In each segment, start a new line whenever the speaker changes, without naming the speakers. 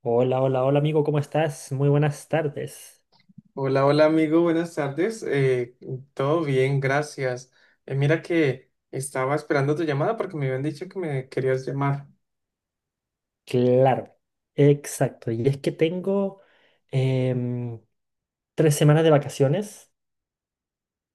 Hola, hola, hola amigo, ¿cómo estás? Muy buenas tardes.
Hola, hola amigo, buenas tardes. Todo bien, gracias. Mira que estaba esperando tu llamada porque me habían dicho que me querías llamar.
Claro, exacto. Y es que tengo em, 3 semanas de vacaciones.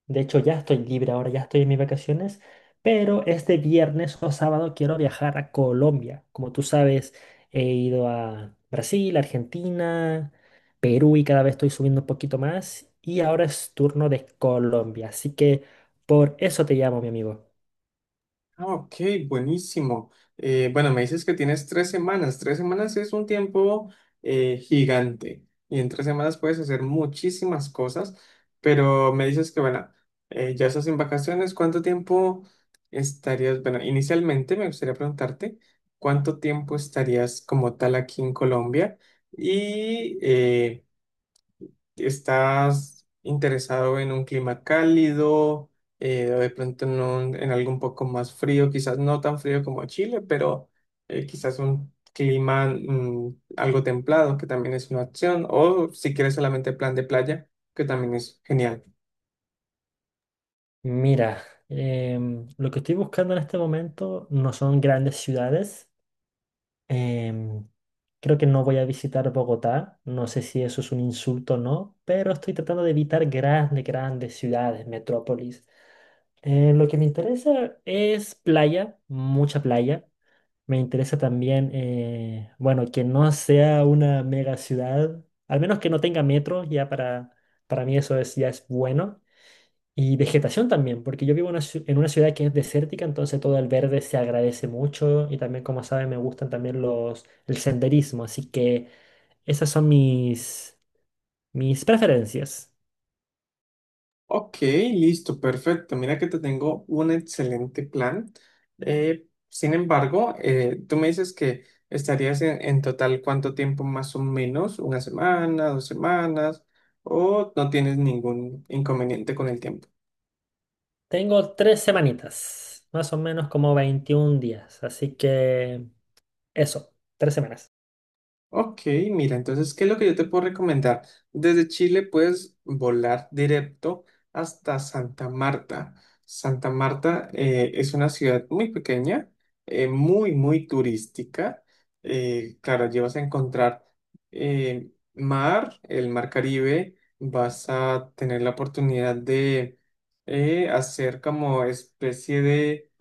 De hecho, ya estoy libre ahora, ya estoy en mis vacaciones. Pero este viernes o sábado quiero viajar a Colombia. Como tú sabes, he ido a Brasil, Argentina, Perú y cada vez estoy subiendo un poquito más. Y ahora es turno de Colombia. Así que por eso te llamo, mi amigo.
Ah, ok, buenísimo. Bueno, me dices que tienes tres semanas. Tres semanas es un tiempo gigante y en tres semanas puedes hacer muchísimas cosas, pero me dices que, bueno, ya estás en vacaciones. ¿Cuánto tiempo estarías? Bueno, inicialmente me gustaría preguntarte cuánto tiempo estarías como tal aquí en Colombia y, ¿estás interesado en un clima cálido, o de pronto en, en algo un poco más frío, quizás no tan frío como Chile, pero quizás un clima algo templado, que también es una opción, o si quieres solamente plan de playa, que también es genial.
Mira, lo que estoy buscando en este momento no son grandes ciudades. em, Creo que no voy a visitar Bogotá. No sé si eso es un insulto o no, pero estoy tratando de evitar grandes ciudades, metrópolis. Lo que me interesa es playa, mucha playa. Me interesa también, bueno, que no sea una mega ciudad, al menos que no tenga metro, ya para mí eso es, ya es bueno. Y vegetación también, porque yo vivo en una en una ciudad que es desértica, entonces todo el verde se agradece mucho y también, como saben, me gustan también el senderismo, así que esas son mis preferencias.
Ok, listo, perfecto. Mira que te tengo un excelente plan. Sin embargo, tú me dices que estarías en total cuánto tiempo más o menos, una semana, dos semanas, o no tienes ningún inconveniente con el tiempo.
Tengo 3 semanitas, más o menos como 21 días, así que eso, 3 semanas.
Ok, mira, entonces, ¿qué es lo que yo te puedo recomendar? Desde Chile puedes volar directo hasta Santa Marta. Santa Marta es una ciudad muy pequeña, muy, muy turística. Claro, allí vas a encontrar mar, el mar Caribe, vas a tener la oportunidad de hacer como especie de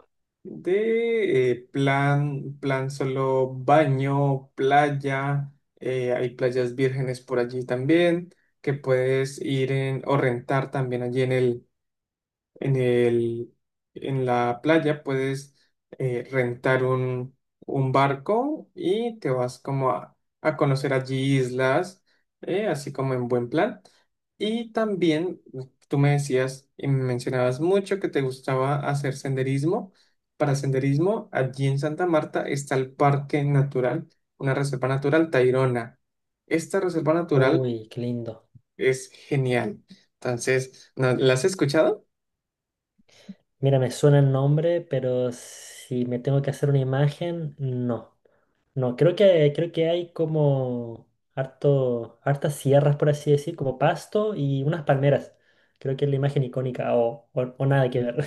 plan, plan solo baño, playa, hay playas vírgenes por allí también, que puedes ir en, o rentar también allí en en el, en la playa puedes rentar un barco y te vas como a conocer allí islas, así como en buen plan. Y también tú me decías y me mencionabas mucho que te gustaba hacer senderismo. Para senderismo, allí en Santa Marta está el Parque Natural, una reserva natural Tayrona. Esta reserva natural
Uy, qué lindo.
es genial. Entonces, ¿la has escuchado?
Mira, me suena el nombre, pero si me tengo que hacer una imagen, no. No, creo que hay como hartas sierras, por así decir, como pasto y unas palmeras. Creo que es la imagen icónica o, o nada que ver.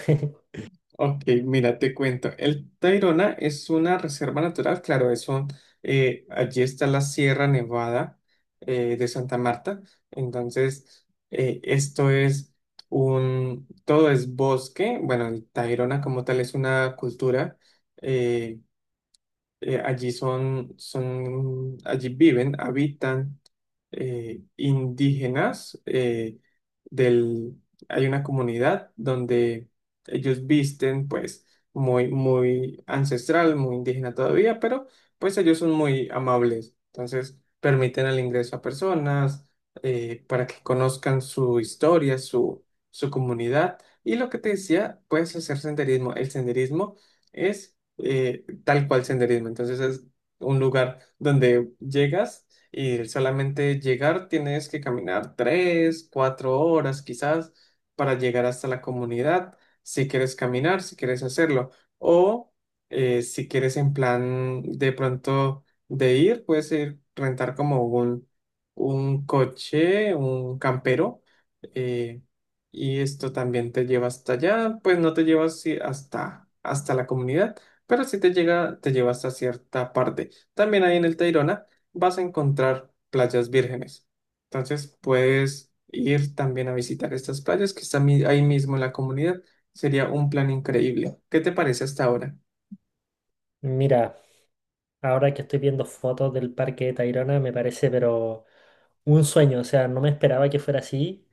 Ok, mira, te cuento. El Tayrona es una reserva natural, claro, es un, allí está la Sierra Nevada de Santa Marta. Entonces, esto es un, todo es bosque. Bueno, el Tayrona como tal es una cultura eh, allí allí viven, habitan indígenas del, hay una comunidad donde ellos visten pues muy, muy ancestral, muy indígena todavía, pero pues ellos son muy amables, entonces permiten el ingreso a personas para que conozcan su historia, su comunidad. Y lo que te decía, puedes hacer senderismo. El senderismo es tal cual senderismo. Entonces es un lugar donde llegas y solamente llegar tienes que caminar tres, cuatro horas quizás para llegar hasta la comunidad, si quieres caminar, si quieres hacerlo. O si quieres en plan de pronto de ir, puedes ir rentar como un coche, un campero. eh, y esto también te lleva hasta allá, pues no te llevas sí, hasta, hasta la comunidad pero si te llega, te lleva hasta cierta parte. También ahí en el Tayrona vas a encontrar playas vírgenes. Entonces puedes ir también a visitar estas playas que están ahí mismo en la comunidad. Sería un plan increíble. ¿Qué te parece hasta ahora?
Mira, ahora que estoy viendo fotos del parque de Tayrona, me parece, pero un sueño. O sea, no me esperaba que fuera así.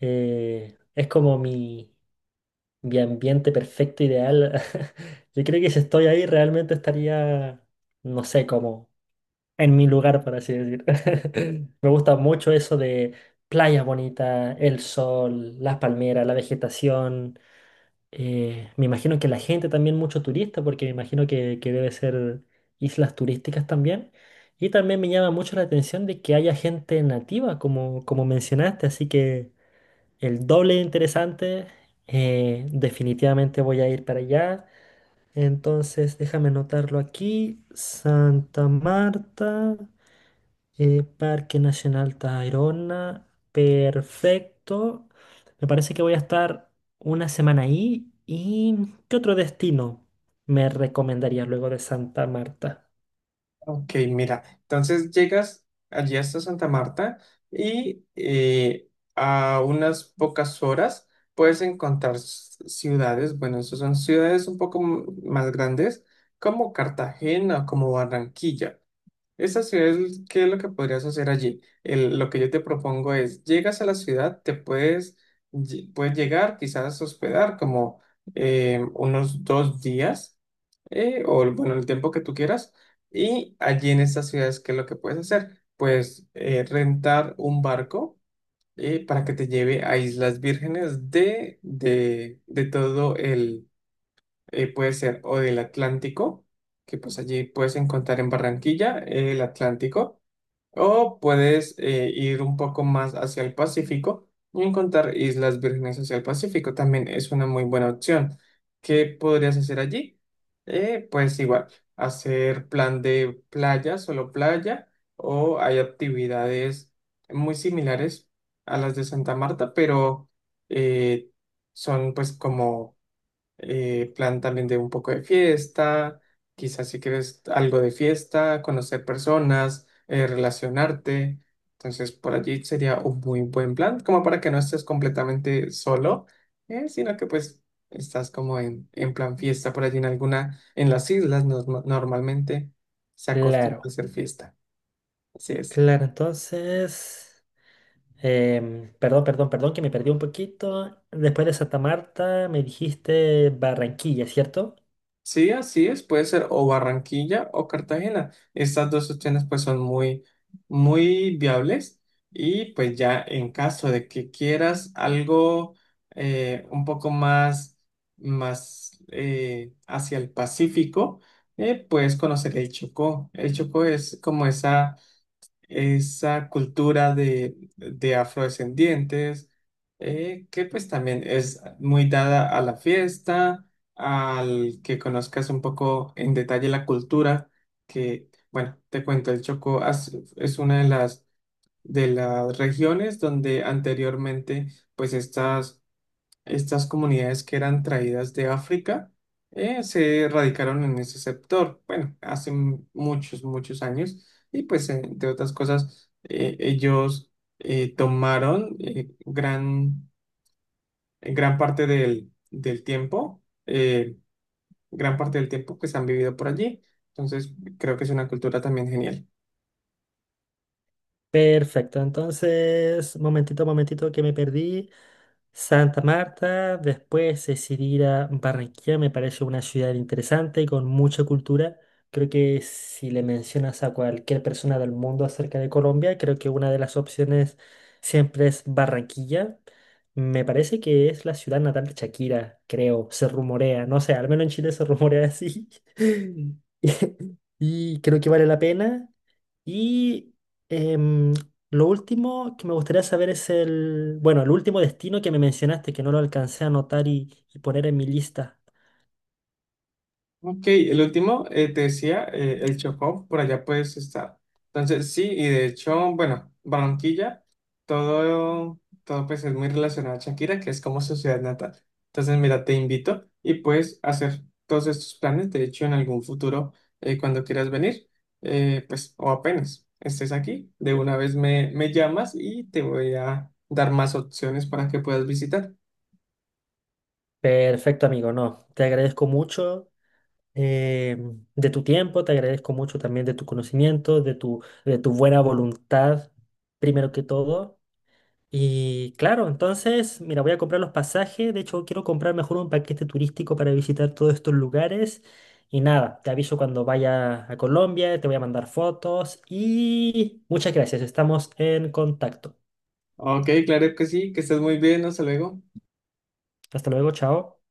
Es como mi ambiente perfecto, ideal. Yo creo que si estoy ahí, realmente estaría, no sé, cómo en mi lugar, por así decir. Me gusta mucho eso de playa bonita, el sol, las palmeras, la vegetación. Me imagino que la gente también, mucho turista, porque me imagino que debe ser islas turísticas también. Y también me llama mucho la atención de que haya gente nativa, como, como mencionaste, así que el doble de interesante. Definitivamente voy a ir para allá. Entonces, déjame anotarlo aquí. Santa Marta. Parque Nacional Tayrona, perfecto. Me parece que voy a estar 1 semana ahí. ¿Y qué otro destino me recomendarías luego de Santa Marta?
Ok, mira, entonces llegas allí hasta Santa Marta y a unas pocas horas puedes encontrar ciudades, bueno, esas son ciudades un poco más grandes como Cartagena, o como Barranquilla. Esta ciudad, ¿qué es lo que podrías hacer allí? Lo que yo te propongo es, llegas a la ciudad, te puedes, puedes llegar, quizás hospedar como unos dos días, o bueno, el tiempo que tú quieras, y allí en estas ciudades, ¿qué es lo que puedes hacer? Pues rentar un barco para que te lleve a Islas Vírgenes de todo el, puede ser, o del Atlántico, que pues allí puedes encontrar en Barranquilla el Atlántico o puedes ir un poco más hacia el Pacífico y encontrar Islas Vírgenes hacia el Pacífico. También es una muy buena opción. ¿Qué podrías hacer allí? Pues igual, hacer plan de playa, solo playa, o hay actividades muy similares a las de Santa Marta, pero eh, son pues como plan también de un poco de fiesta, quizás si quieres algo de fiesta, conocer personas, relacionarte. Entonces, por allí sería un muy buen plan, como para que no estés completamente solo, sino que pues estás como en plan fiesta por allí en alguna, en las islas normalmente se acostumbra a
Claro,
hacer fiesta. Así es.
claro, entonces, perdón, perdón, perdón, que me perdí un poquito. Después de Santa Marta me dijiste Barranquilla, ¿cierto?
Sí, así es, puede ser o Barranquilla o Cartagena. Estas dos opciones pues son muy, muy viables y pues ya en caso de que quieras algo un poco más, más hacia el Pacífico, puedes conocer el Chocó. El Chocó es como esa esa cultura de afrodescendientes, que pues también es muy dada a la fiesta, al que conozcas un poco en detalle la cultura, que bueno, te cuento, el Chocó es una de las regiones donde anteriormente pues estas estas comunidades que eran traídas de África se radicaron en ese sector, bueno, hace muchos, muchos años, y pues, entre otras cosas, ellos tomaron gran, gran parte del, del tiempo, gran parte del tiempo pues han vivido por allí, entonces creo que es una cultura también genial.
Perfecto, entonces, momentito, momentito que me perdí. Santa Marta, después decidí ir a Barranquilla, me parece una ciudad interesante y con mucha cultura. Creo que si le mencionas a cualquier persona del mundo acerca de Colombia, creo que una de las opciones siempre es Barranquilla. Me parece que es la ciudad natal de Shakira, creo, se rumorea, no sé, al menos en Chile se rumorea así. Y creo que vale la pena. Y em, lo último que me gustaría saber es el, bueno, el último destino que me mencionaste, que no lo alcancé a anotar y poner en mi lista.
Ok, el último, te decía, el Chocó, por allá puedes estar. Entonces, sí, y de hecho, bueno, Barranquilla, todo, todo pues es muy relacionado a Shakira, que es como su ciudad natal. Entonces, mira, te invito y puedes hacer todos estos planes, de hecho, en algún futuro, cuando quieras venir, pues, o apenas estés aquí, de una vez me, me llamas y te voy a dar más opciones para que puedas visitar.
Perfecto, amigo, no. Te agradezco mucho de tu tiempo, te agradezco mucho también de tu conocimiento, de tu buena voluntad, primero que todo. Y claro, entonces, mira, voy a comprar los pasajes. De hecho, quiero comprar mejor un paquete turístico para visitar todos estos lugares. Y nada, te aviso cuando vaya a Colombia, te voy a mandar fotos y muchas gracias. Estamos en contacto.
Ok, claro que sí, que estés muy bien, hasta luego.
Hasta luego, chao.